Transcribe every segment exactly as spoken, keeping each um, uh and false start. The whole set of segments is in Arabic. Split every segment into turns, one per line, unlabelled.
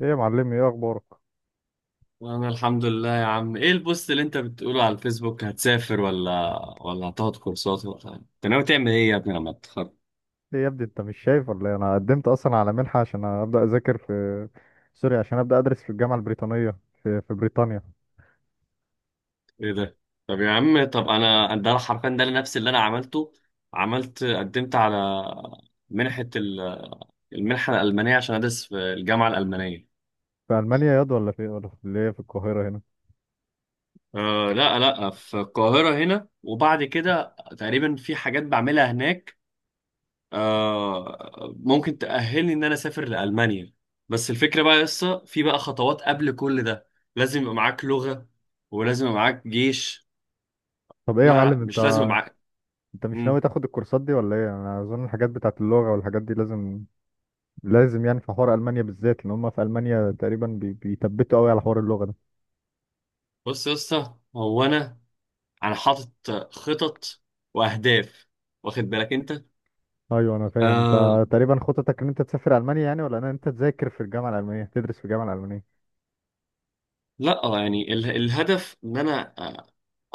ايه يا معلمي، ايه اخبارك؟
انا الحمد لله يا عم، ايه البوست اللي انت بتقوله على الفيسبوك؟ هتسافر ولا ولا هتاخد كورسات، ولا انت ناوي تعمل ايه يا ابني لما تتخرج؟
ايه يا ابني، انت مش شايف ولا ايه؟ انا قدمت اصلا على منحه عشان ابدا اذاكر في سوري عشان ابدا ادرس في الجامعه البريطانيه في في بريطانيا.
ايه ده؟ طب يا عم، طب انا ده حرفيا ده نفس اللي انا عملته. عملت، قدمت على منحة ال- المنحة الألمانية عشان أدرس في الجامعة الألمانية.
في المانيا ياض، ولا في ولا في اللي هي في القاهره هنا؟
أه، لا لا، في القاهرة هنا، وبعد كده تقريبا في حاجات بعملها هناك. آه ممكن تأهلني إن أنا أسافر لألمانيا، بس الفكرة بقى لسه في بقى خطوات قبل كل ده. لازم يبقى معاك لغة، ولازم يبقى معاك جيش.
طب ايه يا
لا لا،
معلم انت؟
مش لازم يبقى معاك.
انت مش ناوي
مم.
تاخد الكورسات دي ولا ايه؟ انا اظن الحاجات بتاعت اللغه والحاجات دي لازم لازم يعني، في حوار المانيا بالذات، لان هم في المانيا تقريبا بي- بيثبتوا قوي على حوار اللغه ده.
بص يا اسطى، هو أنا أنا حاطط خطط وأهداف، واخد بالك أنت؟
ايوه، انا فاهم.
آه
انت تقريبا خطتك ان انت تسافر المانيا يعني، ولا ان انت تذاكر في الجامعه الالمانيه، تدرس في الجامعه الالمانيه؟
لا آه، يعني ال- الهدف إن أنا، آه،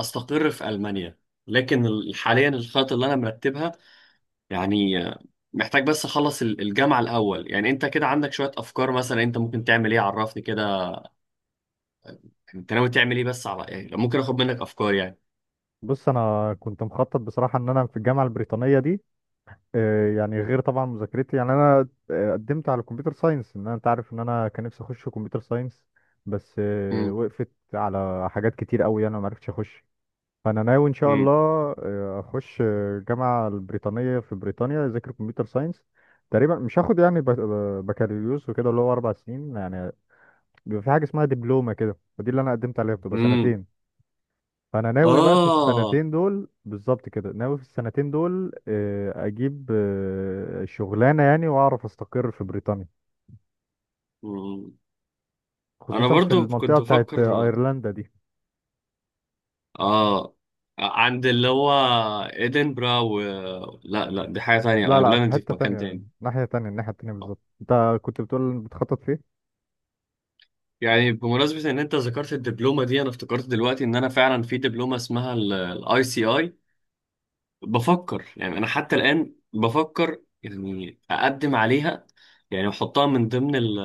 أستقر في ألمانيا. لكن ال- حاليا الخطط اللي أنا مرتبها، يعني آه، محتاج بس اخلص ال- الجامعة الاول. يعني انت كده عندك شوية افكار؟ مثلا انت ممكن تعمل ايه؟ عرفني كده، يعني انت ناوي تعمل ايه؟ بس على، يعني لو ممكن اخد منك افكار يعني.
بص، انا كنت مخطط بصراحه ان انا في الجامعه البريطانيه دي، آه، يعني غير طبعا مذاكرتي، يعني انا آه، قدمت على كمبيوتر ساينس ان انا، انت عارف ان انا كان نفسي اخش كمبيوتر ساينس. بس آه،
امم.
وقفت على حاجات كتير قوي، انا ما عرفتش اخش. فانا ناوي ان شاء الله
امم.
آه، اخش آه، الجامعه البريطانيه في بريطانيا، اذاكر كمبيوتر ساينس. تقريبا مش هاخد يعني بك- بكالوريوس وكده، اللي هو اربع سنين يعني، بيبقى في حاجه اسمها دبلومه كده، ودي اللي انا قدمت عليها، بتبقى
امم.
سنتين. فانا ناوي بقى في
اه.
السنتين دول بالظبط كده، ناوي في السنتين دول آه، اجيب آه، شغلانه يعني، واعرف استقر في بريطانيا،
مم. انا
خصوصا في
برضو
المنطقه
كنت
بتاعت
بفكر،
ايرلندا دي.
اه، عند اللي هو ادنبرا و، لا لا، دي حاجة تانية،
لا لا،
ايرلندا
في
دي في
حته
مكان
تانية،
تاني.
ناحيه تانية، الناحيه التانية
آه.
بالظبط انت كنت بتقول بتخطط فيه.
يعني بمناسبة ان انت ذكرت الدبلومة دي، انا افتكرت دلوقتي ان انا فعلا في دبلومة اسمها الاي سي اي. بفكر يعني، انا حتى الان بفكر يعني اقدم عليها، يعني احطها من ضمن ال،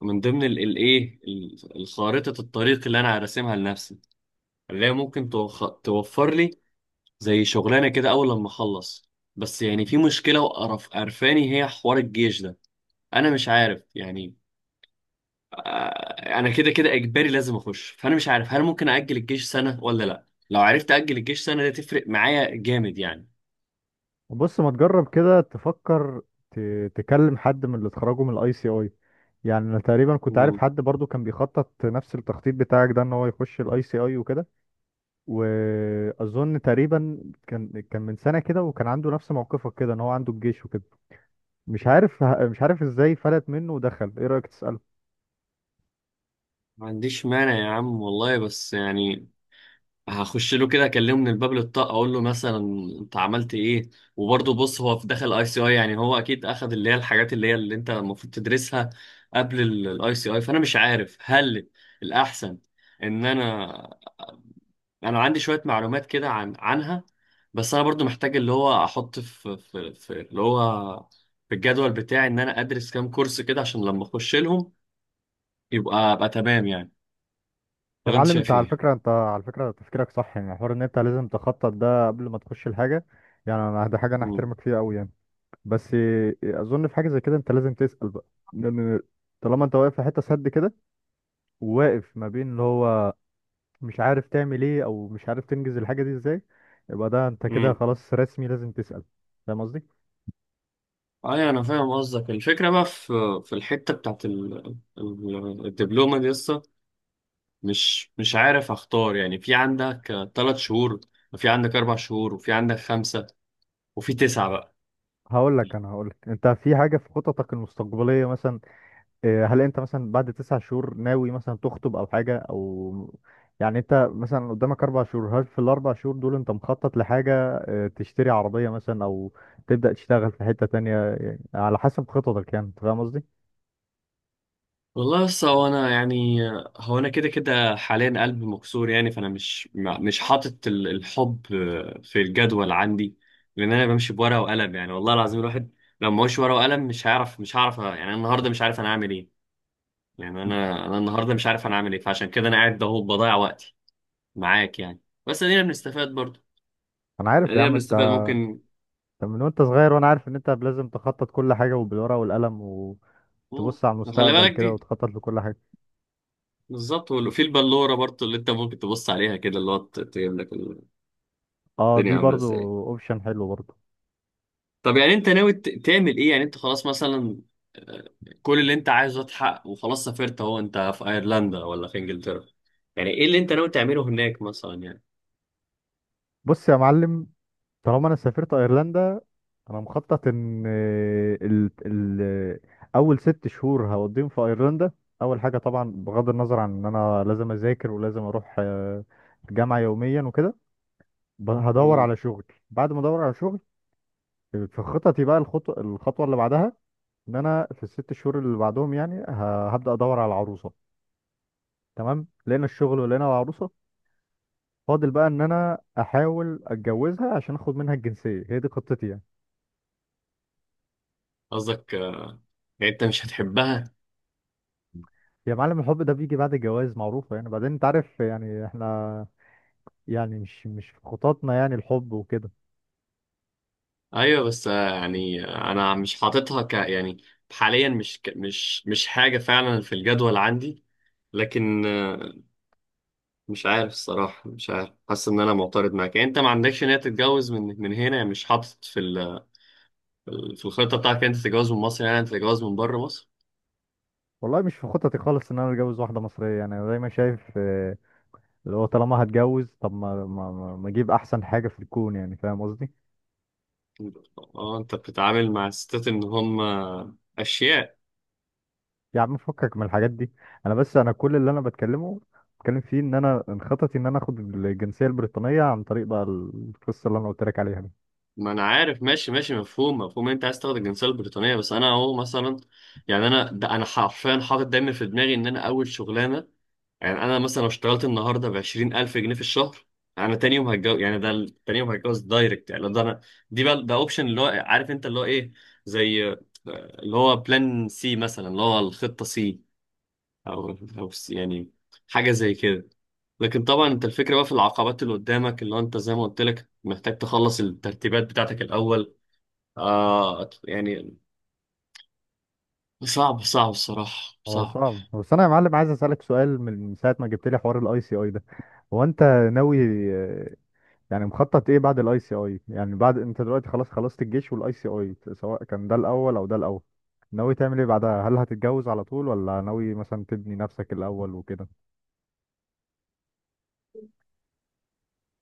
من ضمن الايه، الخارطة الطريق اللي انا راسمها لنفسي، اللي هي ممكن توخ- توفر لي زي شغلانه كده اول لما اخلص. بس يعني في مشكله وقرف قرفاني، هي حوار الجيش ده. انا مش عارف يعني، آه، انا كده كده اجباري لازم اخش، فانا مش عارف هل ممكن اجل الجيش سنه ولا لا. لو عرفت اجل الجيش سنه ده تفرق معايا جامد يعني.
بص، ما تجرب كده تفكر، ت- تكلم حد من اللي اتخرجوا من الاي سي اي. يعني انا تقريبا كنت عارف حد برضو كان بيخطط نفس التخطيط بتاعك ده، ان هو يخش الاي سي اي وكده. واظن تقريبا كان كان من سنه كده، وكان عنده نفس موقفك كده ان هو عنده الجيش وكده. مش عارف مش عارف ازاي فلت منه ودخل. ايه رايك تساله؟
ما عنديش مانع يا عم والله، بس يعني هخش له كده اكلمه من الباب للطاق، اقول له مثلا انت عملت ايه. وبرضه بص، هو في داخل اي سي اي، يعني هو اكيد اخذ اللي هي الحاجات اللي هي اللي انت المفروض تدرسها قبل الاي سي اي. فانا مش عارف هل الاحسن ان انا، انا عندي شويه معلومات كده عن عنها، بس انا برضو محتاج اللي هو احط في في, في اللي هو، في الجدول بتاعي ان انا ادرس كام كورس كده، عشان لما اخش لهم يبقى ابقى تمام يعني.
يا
ولا انت
معلم، انت
شايف
على
ايه؟
فكره، انت على فكره تفكيرك صح. يعني حوار ان انت لازم تخطط ده قبل ما تخش الحاجه، يعني انا ده حاجه انا
مم.
احترمك فيها قوي يعني. بس اظن في حاجه زي كده انت لازم تسال بقى. لان طالما انت واقف في حته سد كده، وواقف ما بين اللي هو مش عارف تعمل ايه، او مش عارف تنجز الحاجه دي ازاي، يبقى ده انت كده
مم.
خلاص رسمي لازم تسال. فاهم قصدي؟
ايوه، انا فاهم قصدك. الفكره بقى في، في الحته بتاعت ال- ال- الدبلومه دي لسه، مش مش عارف اختار يعني. في عندك ثلاث شهور، وفي عندك اربع شهور، وفي عندك خمسه، وفي تسعه بقى.
هقول لك، انا هقول لك انت في حاجه في خططك المستقبليه مثلا، آه، هل انت مثلا بعد تسع شهور ناوي مثلا تخطب او حاجه، او يعني انت مثلا قدامك اربع شهور؟ هل في الاربع شهور دول انت مخطط لحاجه؟ آه، تشتري عربيه مثلا، او تبدا تشتغل في حته تانية، يعني على حسب خططك يعني، انت فاهم قصدي؟
والله لسه، هو انا يعني، هو انا كده كده حاليا قلبي مكسور، يعني فانا مش، ما- مش حاطط ال- الحب في الجدول عندي، لان انا بمشي بورقه وقلم. يعني والله العظيم، الواحد لو ما هوش ورقه وقلم مش هيعرف، مش هعرف يعني. أنا النهارده مش عارف انا هعمل ايه، يعني انا، انا النهارده مش عارف انا اعمل ايه، فعشان كده انا قاعد اهو بضيع وقتي معاك يعني. بس ادينا بنستفاد برضه،
انا عارف يا
ادينا
عم انت،
بنستفاد ممكن.
أنت من وانت صغير وانا عارف ان انت لازم تخطط كل حاجه وبالورقه والقلم،
مم.
وتبص على
خلي
المستقبل
بالك
كده
دي
وتخطط لكل حاجه.
بالظبط، وفي البلوره برضه اللي انت ممكن تبص عليها كده اللي هو ت- تجيب لك
اه،
الدنيا
دي
عامله
برضو
ازاي.
اوبشن حلو برضو.
طب يعني انت ناوي ت- تعمل ايه؟ يعني انت خلاص مثلا، آه، كل اللي انت عايزه اتحقق وخلاص سافرت اهو، انت في ايرلندا ولا في انجلترا، يعني ايه اللي انت ناوي تعمله هناك مثلا يعني؟
بص يا معلم، طالما انا سافرت ايرلندا، انا مخطط ان ال... ال... اول ست شهور هقضيهم في ايرلندا. اول حاجه طبعا، بغض النظر عن ان انا لازم اذاكر ولازم اروح آه، الجامعه يوميا وكده، ب- هدور
مم.
على شغل. بعد ما ادور على شغل، في خططي بقى الخطوه الخطوه اللي بعدها، ان انا في الست شهور اللي بعدهم يعني ه- هبدا ادور على عروسه. تمام، لقينا الشغل ولقينا عروسه، فاضل بقى ان انا احاول اتجوزها عشان اخد منها الجنسيه. هي دي خطتي يعني.
قصدك، آه، يعني انت مش هتحبها؟
يا معلم، الحب ده بيجي بعد الجواز معروفة يعني. بعدين انت عارف يعني احنا، يعني مش، مش في خططنا يعني الحب وكده.
ايوه، بس آه، يعني، آه، انا مش حاططها ك يعني، حاليا مش ك... مش مش حاجه فعلا في الجدول عندي، لكن آه، مش عارف الصراحه، مش عارف، حاسس ان انا معترض معاك. يعني انت ما عندكش نيه تتجوز من من هنا يعني؟ مش حاطط في ال... في الخطه بتاعتك، انت تتجوز من مصر، يعني انت تتجوز من بره مصر.
والله مش في خططي خالص ان انا اتجوز واحدة مصرية، يعني انا دايما شايف اه، اللي هو طالما هتجوز، طب ما ما ما ما اجيب احسن حاجة في الكون يعني، فاهم قصدي؟
اه، انت بتتعامل مع الستات ان هم اشياء.
يا عم، فكك من الحاجات دي. انا بس، انا كل اللي انا بتكلمه بتكلم فيه، ان انا، ان خططي ان انا اخد الجنسية البريطانية عن طريق بقى القصة اللي انا قلت لك عليها دي.
ما انا عارف، ماشي ماشي، مفهوم مفهوم، انت عايز تاخد الجنسيه البريطانيه، بس انا اهو مثلا، يعني انا ده انا حرفيا حاطط دايما في دماغي ان انا اول شغلانه، يعني انا مثلا لو اشتغلت النهارده ب عشرين ألف جنيه في الشهر، انا تاني يوم هتجوز يعني. ده ال- تاني يوم هتجوز دايركت، يعني ده انا، دي بقى، ده اوبشن اللي هو عارف انت اللي هو ايه، زي آه، اللي هو بلان سي مثلا، اللي هو الخطه سي، او او سي يعني، حاجه زي كده. لكن طبعا انت الفكره بقى في العقبات اللي قدامك، اللي هو انت زي ما قلت لك محتاج تخلص الترتيبات بتاعتك الاول. آه يعني صعب، صعب الصراحه،
هو
صعب.
صعب، بس انا يا معلم عايز اسالك سؤال. من ساعه ما جبت لي حوار الاي سي اي ده، هو انت ناوي آه، يعني مخطط ايه بعد الاي سي اي؟ يعني بعد انت دلوقتي خلاص خلصت الجيش والاي سي اي، سواء كان ده الاول او ده الاول، ناوي تعمل ايه بعدها؟ هل هتتجوز على طول، ولا ناوي مثلا تبني نفسك الاول وكده؟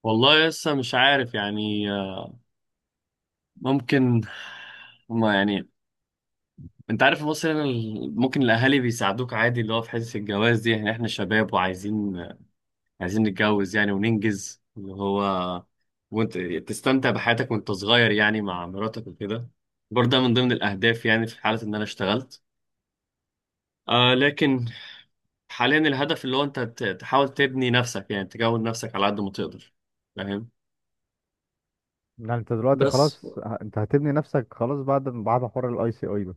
والله لسه مش عارف يعني، آه، ممكن هما يعني، انت عارف في مصر هنا ال- ممكن الاهالي بيساعدوك عادي، اللي هو في حته الجواز دي. يعني احنا شباب وعايزين، عايزين نتجوز يعني وننجز اللي هو، وانت تستمتع بحياتك وانت صغير، يعني مع مراتك وكده. برضه ده من ضمن الاهداف يعني، في حاله ان انا اشتغلت، آه، لكن حاليا الهدف اللي هو انت ت- تحاول تبني نفسك، يعني تكون نفسك على قد ما تقدر. فاهم؟
يعني انت دلوقتي
بس
خلاص، ه- انت هتبني نفسك خلاص بعد بعد حوار الاي سي اي ده؟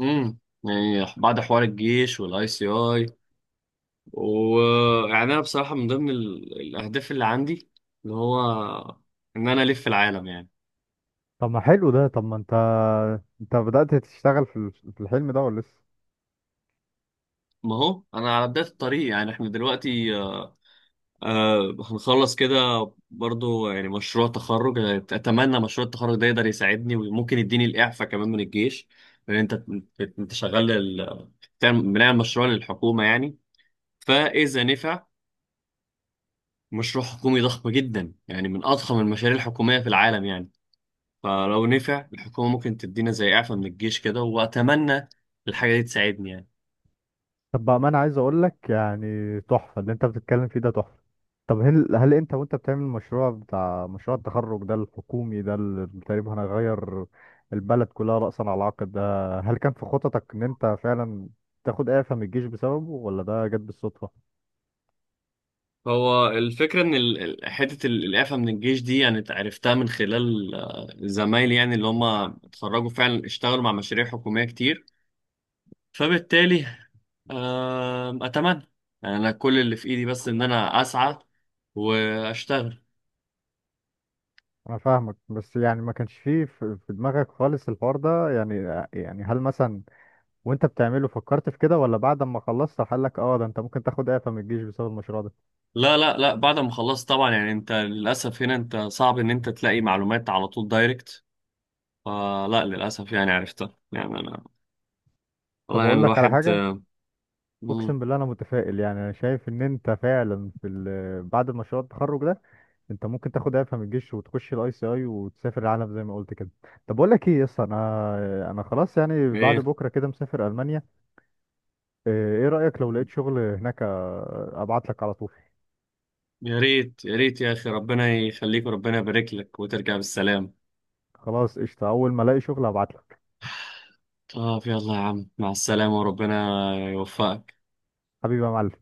امم يعني، بعد حوار الجيش والاي سي اي، ويعني انا بصراحه من ضمن ال- الاهداف اللي عندي، اللي هو ان انا الف العالم يعني.
طب ما حلو ده. طب ما انت، انت بدأت تشتغل في ال- في الحلم ده ولا لسه؟
ما هو انا على بدايه الطريق يعني، احنا دلوقتي، آه، آه، هنخلص كده برضو. يعني مشروع تخرج، أنا اتمنى مشروع التخرج ده يقدر يساعدني، وممكن يديني الاعفاء كمان من الجيش. لان انت، انت شغال ال- بتعمل- بنعمل مشروع للحكومه يعني، فاذا نفع، مشروع حكومي ضخم جدا يعني من اضخم المشاريع الحكوميه في العالم يعني. فلو نفع الحكومة ممكن تدينا زي إعفاء من الجيش كده، وأتمنى الحاجة دي تساعدني يعني.
طب بقى، ما انا عايز اقول لك يعني تحفه اللي انت بتتكلم فيه ده، تحفه. طب هل، هل انت وانت بتعمل المشروع بتاع مشروع التخرج ده الحكومي ده اللي تقريبا هنغير البلد كلها رأسا على عقب ده، هل كان في خططك ان انت فعلا تاخد اعفاء من الجيش بسببه، ولا ده جت بالصدفه؟
هو الفكرة إن ال- ال- حتة ال- الإعفاء من الجيش دي، يعني عرفتها من خلال آه، زمايلي يعني، اللي هم اتخرجوا فعلا اشتغلوا مع مشاريع حكومية كتير، فبالتالي، آم، أتمنى. يعني أنا كل اللي في إيدي بس إن أنا أسعى وأشتغل.
انا فاهمك، بس يعني ما كانش فيه في في دماغك خالص الحوار ده يعني، يعني هل مثلا وانت بتعمله فكرت في كده، ولا بعد ما خلصت قال لك اه ده انت ممكن تاخد اعفاء من الجيش بسبب المشروع ده؟
لا لا لا، بعد ما خلصت طبعا، يعني أنت للأسف هنا أنت صعب إن أنت تلاقي معلومات على طول دايركت، فلا، للأسف، يعني عرفتها، يعني أنا
طب
والله
اقول
يعني،
لك على
الواحد
حاجه،
آه، مم.
اقسم بالله انا متفائل. يعني انا شايف ان انت فعلا في ال- بعد مشروع التخرج ده انت ممكن تاخد اعفاء من الجيش وتخش الاي سي اي وتسافر العالم زي ما قلت كده. طب بقول لك ايه يا اسطى، انا انا خلاص يعني بعد
ايه،
بكره كده مسافر المانيا. ايه؟ إيه رايك لو لقيت شغل هناك آه، ابعت لك على طول؟
يا ريت يا ريت يا اخي، ربنا يخليك وربنا يبارك لك وترجع بالسلامة.
خلاص قشطه، اول ما الاقي شغل ابعت لك.
اه في الله يا عم، مع السلامة وربنا يوفقك.
حبيبي يا معلم.